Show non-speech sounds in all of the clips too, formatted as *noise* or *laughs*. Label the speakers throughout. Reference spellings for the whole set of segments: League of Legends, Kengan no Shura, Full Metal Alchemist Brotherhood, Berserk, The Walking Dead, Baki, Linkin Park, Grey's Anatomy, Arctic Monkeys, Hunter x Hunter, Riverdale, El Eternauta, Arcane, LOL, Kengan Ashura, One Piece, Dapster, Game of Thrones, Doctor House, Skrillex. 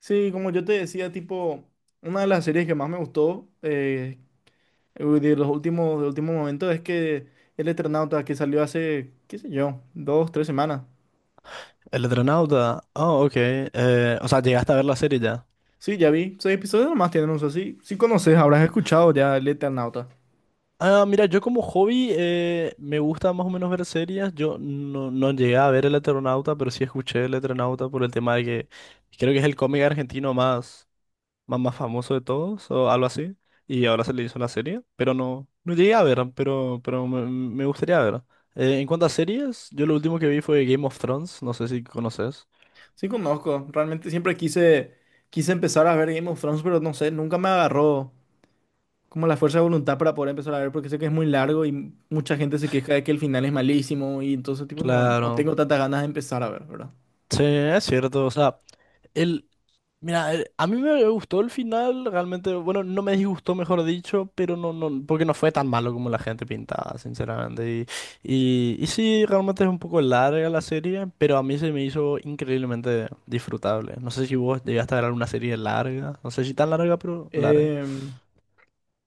Speaker 1: Sí, como yo te decía, tipo, una de las series que más me gustó de últimos momentos es que El Eternauta, que salió hace, qué sé yo, dos, tres semanas.
Speaker 2: El Eternauta. Ah, ok. O sea, llegaste a ver la serie ya.
Speaker 1: Sí, ya vi, seis episodios nomás tienen uso, sí, sí conoces, habrás escuchado ya El Eternauta.
Speaker 2: Ah, mira, yo como hobby me gusta más o menos ver series. Yo no llegué a ver el Eternauta, pero sí escuché el Eternauta por el tema de que creo que es el cómic argentino más famoso de todos o algo así. Y ahora se le hizo la serie, pero no llegué a ver, pero me gustaría ver. En cuanto a series, yo lo último que vi fue Game of Thrones, no sé si conoces.
Speaker 1: Sí conozco, realmente quise empezar a ver Game of Thrones, pero no sé, nunca me agarró como la fuerza de voluntad para poder empezar a ver, porque sé que es muy largo y mucha gente se queja de que el final es malísimo y entonces, tipo, no, no
Speaker 2: Claro.
Speaker 1: tengo tantas ganas de empezar a ver, ¿verdad?
Speaker 2: Sí, es cierto, o sea... El, Mira, a mí me gustó el final, realmente, bueno, no me disgustó, mejor dicho, pero no, porque no fue tan malo como la gente pintaba, sinceramente. Y sí, realmente es un poco larga la serie, pero a mí se me hizo increíblemente disfrutable. No sé si vos llegaste a ver alguna serie larga, no sé si tan larga, pero larga.
Speaker 1: Em,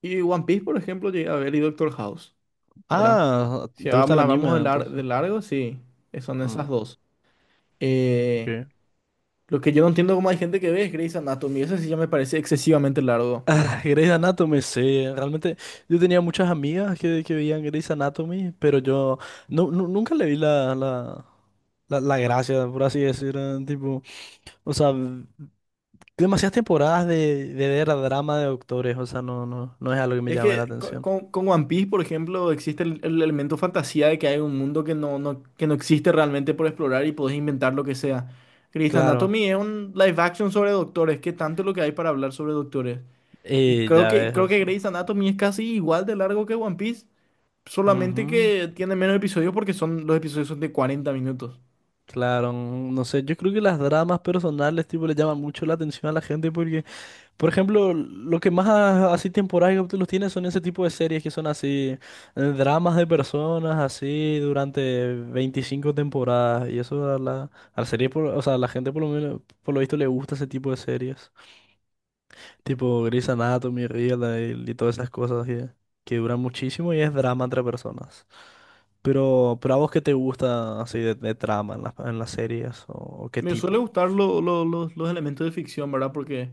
Speaker 1: Y One Piece, por ejemplo, llegué a ver y Doctor House, ¿verdad?
Speaker 2: Ah,
Speaker 1: Si
Speaker 2: ¿te gusta
Speaker 1: vamos,
Speaker 2: el
Speaker 1: la
Speaker 2: anime
Speaker 1: vamos de, de
Speaker 2: entonces?
Speaker 1: largo, sí, son
Speaker 2: Mm,
Speaker 1: esas dos. Eh,
Speaker 2: ok.
Speaker 1: lo que yo no entiendo cómo hay gente que ve es Grey's Anatomy, eso sí ya me parece excesivamente largo.
Speaker 2: *laughs* Grey's Anatomy, sí, realmente yo tenía muchas amigas que veían Grey's Anatomy, pero yo nunca le vi la, la gracia, por así decirlo, tipo, o sea, demasiadas temporadas de ver drama de doctores, o sea, no es algo que me
Speaker 1: Es
Speaker 2: llame la
Speaker 1: que
Speaker 2: atención.
Speaker 1: con One Piece, por ejemplo, existe el elemento fantasía de que hay un mundo que que no existe realmente por explorar y podés inventar lo que sea. Grey's
Speaker 2: Claro,
Speaker 1: Anatomy es un live action sobre doctores, ¿qué tanto es lo que hay para hablar sobre doctores?
Speaker 2: y ya ves, o
Speaker 1: Creo que
Speaker 2: sea,
Speaker 1: Grey's Anatomy es casi igual de largo que One Piece. Solamente
Speaker 2: ujú,
Speaker 1: que tiene menos episodios porque son, los episodios son de 40 minutos.
Speaker 2: claro, no sé, yo creo que las dramas personales, tipo, le llaman mucho la atención a la gente porque por ejemplo, lo que más así temporadas los tiene son ese tipo de series que son así, dramas de personas así durante 25 temporadas. Y eso a la serie, o sea, a la gente por lo menos, por lo visto le gusta ese tipo de series. Tipo Grey's Anatomy, Riverdale y todas esas cosas que duran muchísimo y es drama entre personas. Pero a vos qué te gusta así de trama en en las series o qué
Speaker 1: Me suele
Speaker 2: tipo.
Speaker 1: gustar los elementos de ficción, ¿verdad? Porque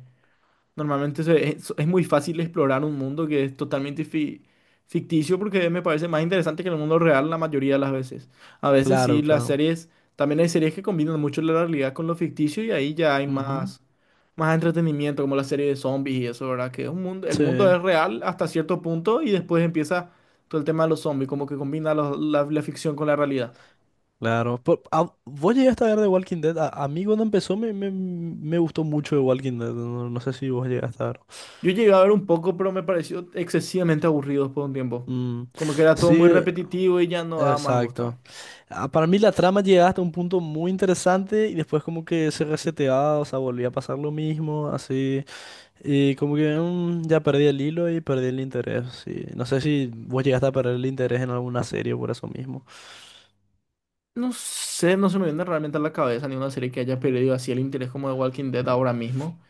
Speaker 1: normalmente es muy fácil explorar un mundo que es totalmente ficticio porque me parece más interesante que el mundo real la mayoría de las veces. A veces sí,
Speaker 2: Claro,
Speaker 1: las
Speaker 2: claro.
Speaker 1: series, también hay series que combinan mucho la realidad con lo ficticio y ahí ya hay
Speaker 2: Ujú.
Speaker 1: más, más entretenimiento, como la serie de zombies y eso, ¿verdad? Que es un mundo, el
Speaker 2: Sí.
Speaker 1: mundo es real hasta cierto punto y después empieza todo el tema de los zombies, como que combina la ficción con la realidad.
Speaker 2: Claro, pero, ah, vos llegaste a ver The Walking Dead. A mí cuando empezó me gustó mucho The Walking Dead. No sé si vos llegaste a ver.
Speaker 1: Yo llegué a ver un poco, pero me pareció excesivamente aburrido por un tiempo.
Speaker 2: Mm,
Speaker 1: Como que era todo
Speaker 2: sí,
Speaker 1: muy repetitivo y ya no daba más gusto.
Speaker 2: exacto. Ah, para mí la trama llegaba hasta un punto muy interesante y después como que se reseteaba, o sea, volvía a pasar lo mismo, así. Y como que ya perdí el hilo y perdí el interés. Sí. No sé si vos llegaste a perder el interés en alguna serie por eso mismo.
Speaker 1: No sé, no se me viene realmente a la cabeza ninguna serie que haya perdido así el interés como de Walking Dead ahora mismo.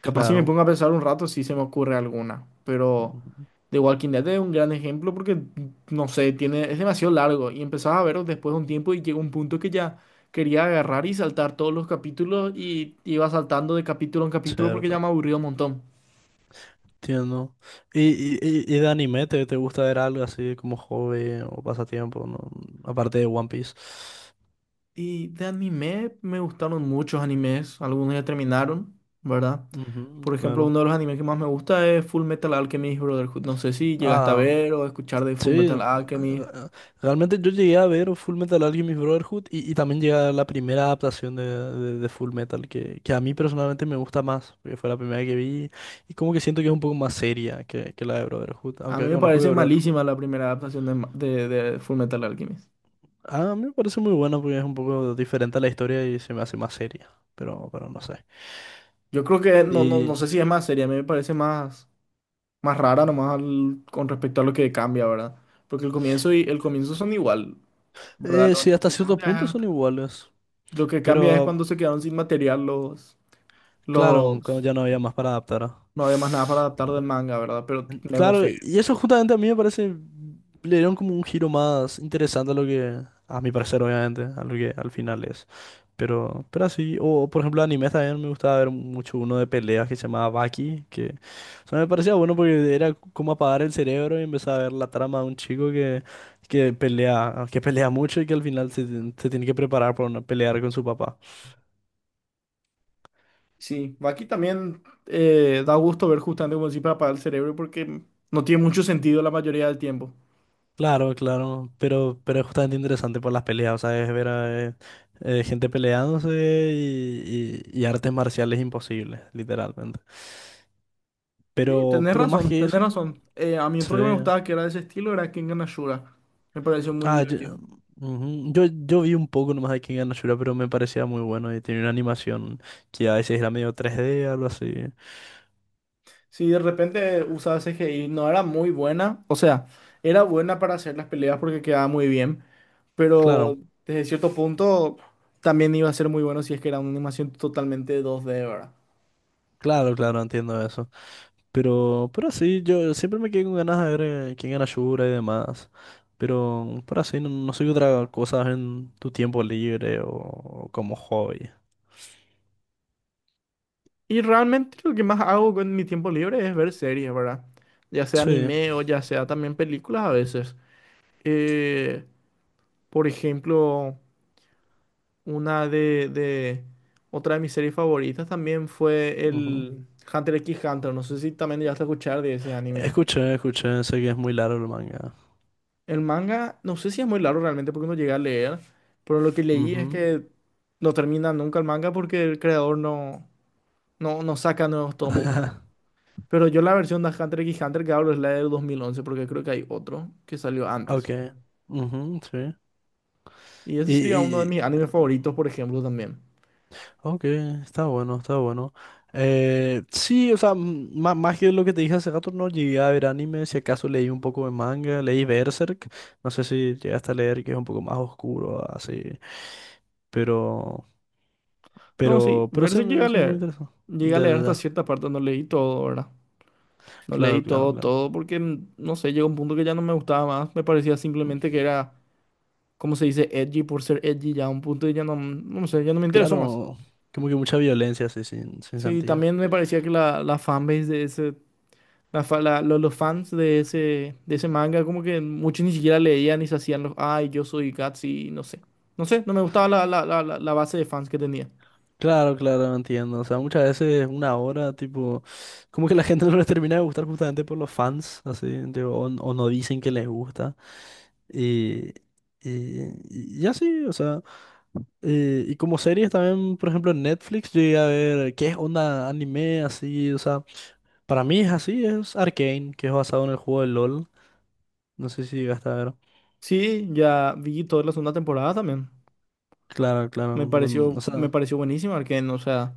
Speaker 1: Capaz si me
Speaker 2: Claro,
Speaker 1: pongo a pensar un rato, sí se me ocurre alguna. Pero
Speaker 2: mm,
Speaker 1: The Walking Dead es un gran ejemplo porque, no sé, tiene, es demasiado largo. Y empezaba a verlo después de un tiempo y llegó un punto que ya quería agarrar y saltar todos los capítulos y iba saltando de capítulo en capítulo porque ya
Speaker 2: cierto.
Speaker 1: me aburrió un montón.
Speaker 2: Entiendo. Y de anime te gusta ver algo así como hobby o pasatiempo, ¿no? Aparte de One Piece.
Speaker 1: Y de anime me gustaron muchos animes, algunos ya terminaron, ¿verdad?
Speaker 2: Ujú,
Speaker 1: Por ejemplo,
Speaker 2: claro.
Speaker 1: uno de los animes que más me gusta es Full Metal Alchemist Brotherhood. No sé si llegaste a
Speaker 2: Ah,
Speaker 1: ver o escuchar de Full Metal
Speaker 2: sí.
Speaker 1: Alchemist.
Speaker 2: Ah, realmente yo llegué a ver Full Metal Alchemist Brotherhood y también llegué a ver la primera adaptación de Full Metal, que a mí personalmente me gusta más, porque fue la primera que vi y como que siento que es un poco más seria que la de Brotherhood,
Speaker 1: A
Speaker 2: aunque
Speaker 1: mí me
Speaker 2: reconozco que
Speaker 1: parece malísima
Speaker 2: Brotherhood...
Speaker 1: la primera adaptación de Full Metal Alchemist.
Speaker 2: Ah, a mí me parece muy buena porque es un poco diferente a la historia y se me hace más seria, pero no sé.
Speaker 1: Yo creo que no
Speaker 2: Y
Speaker 1: sé si es más seria, a mí me parece más, más rara nomás con respecto a lo que cambia, ¿verdad? Porque el comienzo y el comienzo son igual, ¿verdad? Lo
Speaker 2: sí,
Speaker 1: único
Speaker 2: hasta
Speaker 1: que
Speaker 2: cierto
Speaker 1: cambia es,
Speaker 2: punto son iguales.
Speaker 1: lo que cambia es cuando
Speaker 2: Pero
Speaker 1: se quedaron sin material los
Speaker 2: claro, cuando
Speaker 1: los
Speaker 2: ya no había más para adaptar. Ah.
Speaker 1: No había más nada para adaptar del manga, ¿verdad? Pero no
Speaker 2: Claro,
Speaker 1: sé.
Speaker 2: y eso justamente a mí me parece, le dieron como un giro más interesante a lo que, a mi parecer obviamente, a lo que al final es. Pero así, o por ejemplo animes también me gustaba ver mucho uno de peleas que se llamaba Baki, que o sea, me parecía bueno porque era como apagar el cerebro y empezar a ver la trama de un chico que pelea mucho y que al final se tiene que preparar para una, pelear con su papá.
Speaker 1: Sí, aquí también da gusto ver justamente como decís para apagar el cerebro porque no tiene mucho sentido la mayoría del tiempo.
Speaker 2: Claro, claro, pero es justamente interesante por las peleas, o sea, es ver a gente peleándose y artes marciales imposibles, literalmente.
Speaker 1: Sí,
Speaker 2: Pero más que
Speaker 1: tenés
Speaker 2: eso,
Speaker 1: razón. A mí
Speaker 2: sí.
Speaker 1: otro que me gustaba que era de ese estilo era Kengan Ashura. Me pareció muy
Speaker 2: Ah, yo,
Speaker 1: divertido.
Speaker 2: ujú, yo vi un poco nomás de Kengan no Shura, pero me parecía muy bueno y tenía una animación que a veces era medio 3D, algo así.
Speaker 1: Sí, de repente usaba CGI, no era muy buena. O sea, era buena para hacer las peleas porque quedaba muy bien. Pero
Speaker 2: Claro,
Speaker 1: desde cierto punto también iba a ser muy bueno si es que era una animación totalmente 2D, ¿verdad?
Speaker 2: claro, claro, entiendo eso. Pero sí, yo siempre me quedé con ganas de ver quién era Shura y demás. Pero así, no sé qué otra cosa en tu tiempo libre o como hobby.
Speaker 1: Y realmente lo que más hago con mi tiempo libre es ver series, ¿verdad? Ya sea
Speaker 2: Sí.
Speaker 1: anime o ya sea también películas a veces. Eh, por ejemplo, una de, de- otra de mis series favoritas también fue
Speaker 2: Ujú.
Speaker 1: el Hunter x Hunter. No sé si también llegaste a escuchar de ese anime.
Speaker 2: Escuché, escuché, sé que es muy largo el manga.
Speaker 1: El manga, no sé si es muy largo realmente porque no llegué a leer, pero lo que leí es
Speaker 2: Ujú.
Speaker 1: que no termina nunca el manga porque el creador no saca nuevos tomos, ¿verdad?
Speaker 2: *laughs*
Speaker 1: Pero yo la versión de Hunter x Hunter que hablo es la del 2011 porque creo que hay otro que salió
Speaker 2: Ok.
Speaker 1: antes.
Speaker 2: Ujú, sí.
Speaker 1: Y ese sería uno de
Speaker 2: ¿Y,
Speaker 1: mis animes favoritos, por ejemplo, también.
Speaker 2: ok, está bueno, está bueno. Sí, o sea, más que lo que te dije hace rato, no llegué a ver anime, si acaso leí un poco de manga, leí Berserk, no sé si llegaste a leer que es un poco más oscuro, así, pero,
Speaker 1: No, sí,
Speaker 2: pero sí,
Speaker 1: Berserk llegué a
Speaker 2: son muy
Speaker 1: leer.
Speaker 2: interesantes.
Speaker 1: Llegué a
Speaker 2: Ya,
Speaker 1: leer
Speaker 2: ya,
Speaker 1: hasta
Speaker 2: ya.
Speaker 1: cierta parte, no leí todo, ¿verdad? No leí
Speaker 2: Claro, claro,
Speaker 1: todo,
Speaker 2: claro.
Speaker 1: todo, porque, no sé, llegó un punto que ya no me gustaba más. Me parecía
Speaker 2: Mm,
Speaker 1: simplemente que era, como se dice, edgy por ser edgy, ya a un punto que ya no, no sé, ya no me interesó más.
Speaker 2: claro, como que mucha violencia, así, sin, sin
Speaker 1: Sí,
Speaker 2: sentido.
Speaker 1: también me parecía que la fanbase de ese... La fa- la- lo- los fans de ese manga, como que muchos ni siquiera leían y se hacían los, ay, yo soy Gutsy, no sé. No sé, no me gustaba la base de fans que tenía.
Speaker 2: Claro, claro, entiendo. O sea, muchas veces una hora, tipo, como que la gente *laughs* no les termina de gustar justamente por los fans, así, tipo, o no dicen que les gusta. Y, y, y así, o sea, y como series también, por ejemplo, en Netflix, yo llegué a ver qué es onda anime, así, o sea, para mí es así, es Arcane, que es basado en el juego de LOL, no sé si llegaste a ver.
Speaker 1: Sí, ya vi toda la segunda temporada también.
Speaker 2: Claro, claro, mm, o
Speaker 1: Me
Speaker 2: sea,
Speaker 1: pareció buenísima, Arcane, o sea,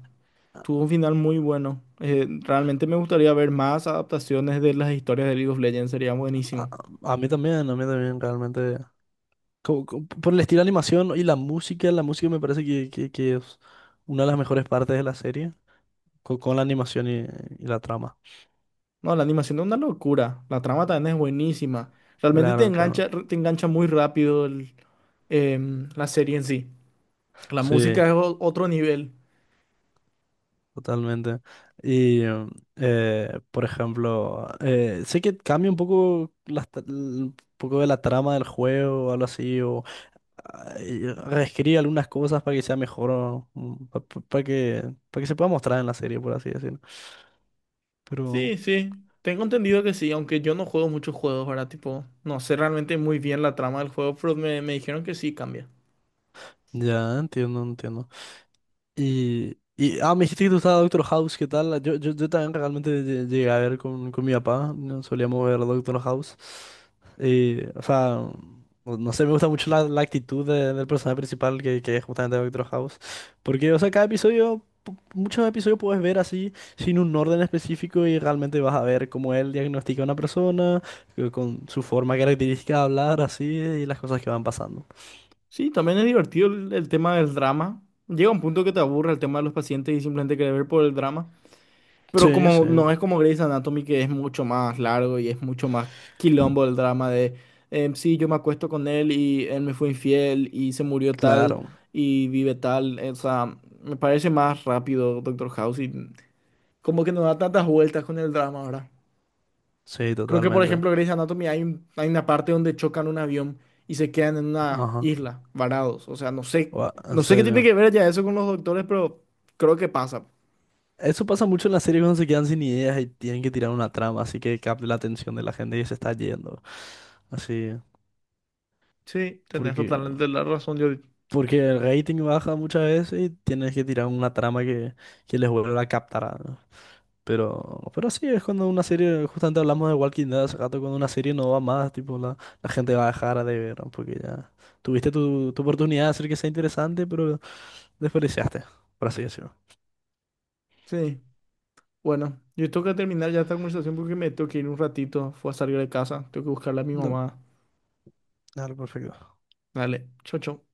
Speaker 1: tuvo un final muy bueno. Realmente me gustaría ver más adaptaciones de las historias de League of Legends, sería
Speaker 2: a,
Speaker 1: buenísimo.
Speaker 2: a mí también, realmente, como por el estilo de animación y la música me parece que es una de las mejores partes de la serie, con la animación y la trama.
Speaker 1: No, la animación es una locura, la trama también es buenísima. Realmente
Speaker 2: Claro, claro,
Speaker 1: te engancha muy rápido la serie en sí. La
Speaker 2: sí.
Speaker 1: música es otro nivel.
Speaker 2: Totalmente. Y por ejemplo, sé que cambia un poco un poco de la trama del juego o algo así, o ah, y reescribe algunas cosas para que sea mejor, o, para para que se pueda mostrar en la serie, por así decirlo.
Speaker 1: Sí,
Speaker 2: Pero
Speaker 1: sí. Tengo entendido que sí, aunque yo no juego muchos juegos, ¿verdad? Tipo, no sé realmente muy bien la trama del juego, pero me dijeron que sí cambia.
Speaker 2: ya entiendo, entiendo. Y, ah, me dijiste que te gustaba Doctor House, ¿qué tal? Yo también realmente llegué a ver con mi papá, ¿no? Solíamos ver Doctor House. Y, o sea, no sé, me gusta mucho la, la actitud del personaje principal que es justamente Doctor House. Porque, o sea, cada episodio, muchos episodios puedes ver así, sin un orden específico y realmente vas a ver cómo él diagnostica a una persona, con su forma característica de hablar, así, y las cosas que van pasando.
Speaker 1: Sí, también es divertido el tema del drama. Llega un punto que te aburre el tema de los pacientes y simplemente querer ver por el drama. Pero
Speaker 2: Sí,
Speaker 1: como
Speaker 2: sí,
Speaker 1: no es como Grey's Anatomy, que es mucho más largo y es mucho más quilombo el drama de, sí, yo me acuesto con él y él me fue infiel y se murió tal
Speaker 2: claro,
Speaker 1: y vive tal. O sea, me parece más rápido Doctor House y... como que no da tantas vueltas con el drama ahora.
Speaker 2: sí,
Speaker 1: Creo que, por
Speaker 2: totalmente.
Speaker 1: ejemplo, Grey's Anatomy hay una parte donde chocan un avión y se quedan en una
Speaker 2: Ajá.
Speaker 1: isla, varados. O sea, no sé,
Speaker 2: Gua- ¿en
Speaker 1: no sé qué tiene que
Speaker 2: serio?
Speaker 1: ver ya eso con los doctores, pero creo que pasa.
Speaker 2: Eso pasa mucho en las series cuando se quedan sin ideas y tienen que tirar una trama, así que capte la atención de la gente y se está yendo. Así,
Speaker 1: Sí, tenés
Speaker 2: porque,
Speaker 1: totalmente la razón, yo.
Speaker 2: porque el rating baja muchas veces y tienes que tirar una trama que les vuelva a captar. ¿No? Pero sí, es cuando una serie, justamente hablamos de Walking Dead hace rato, cuando una serie no va más, tipo, la gente va a dejar de ver, ¿no? Porque ya tuviste tu oportunidad de hacer que sea interesante, pero desperdiciaste, por así decirlo.
Speaker 1: Sí, bueno, yo tengo que terminar ya esta conversación porque me tengo que ir un ratito. Fue a salir de casa, tengo que buscarle a mi
Speaker 2: No,
Speaker 1: mamá.
Speaker 2: claro, perfecto.
Speaker 1: Dale, chau, chau.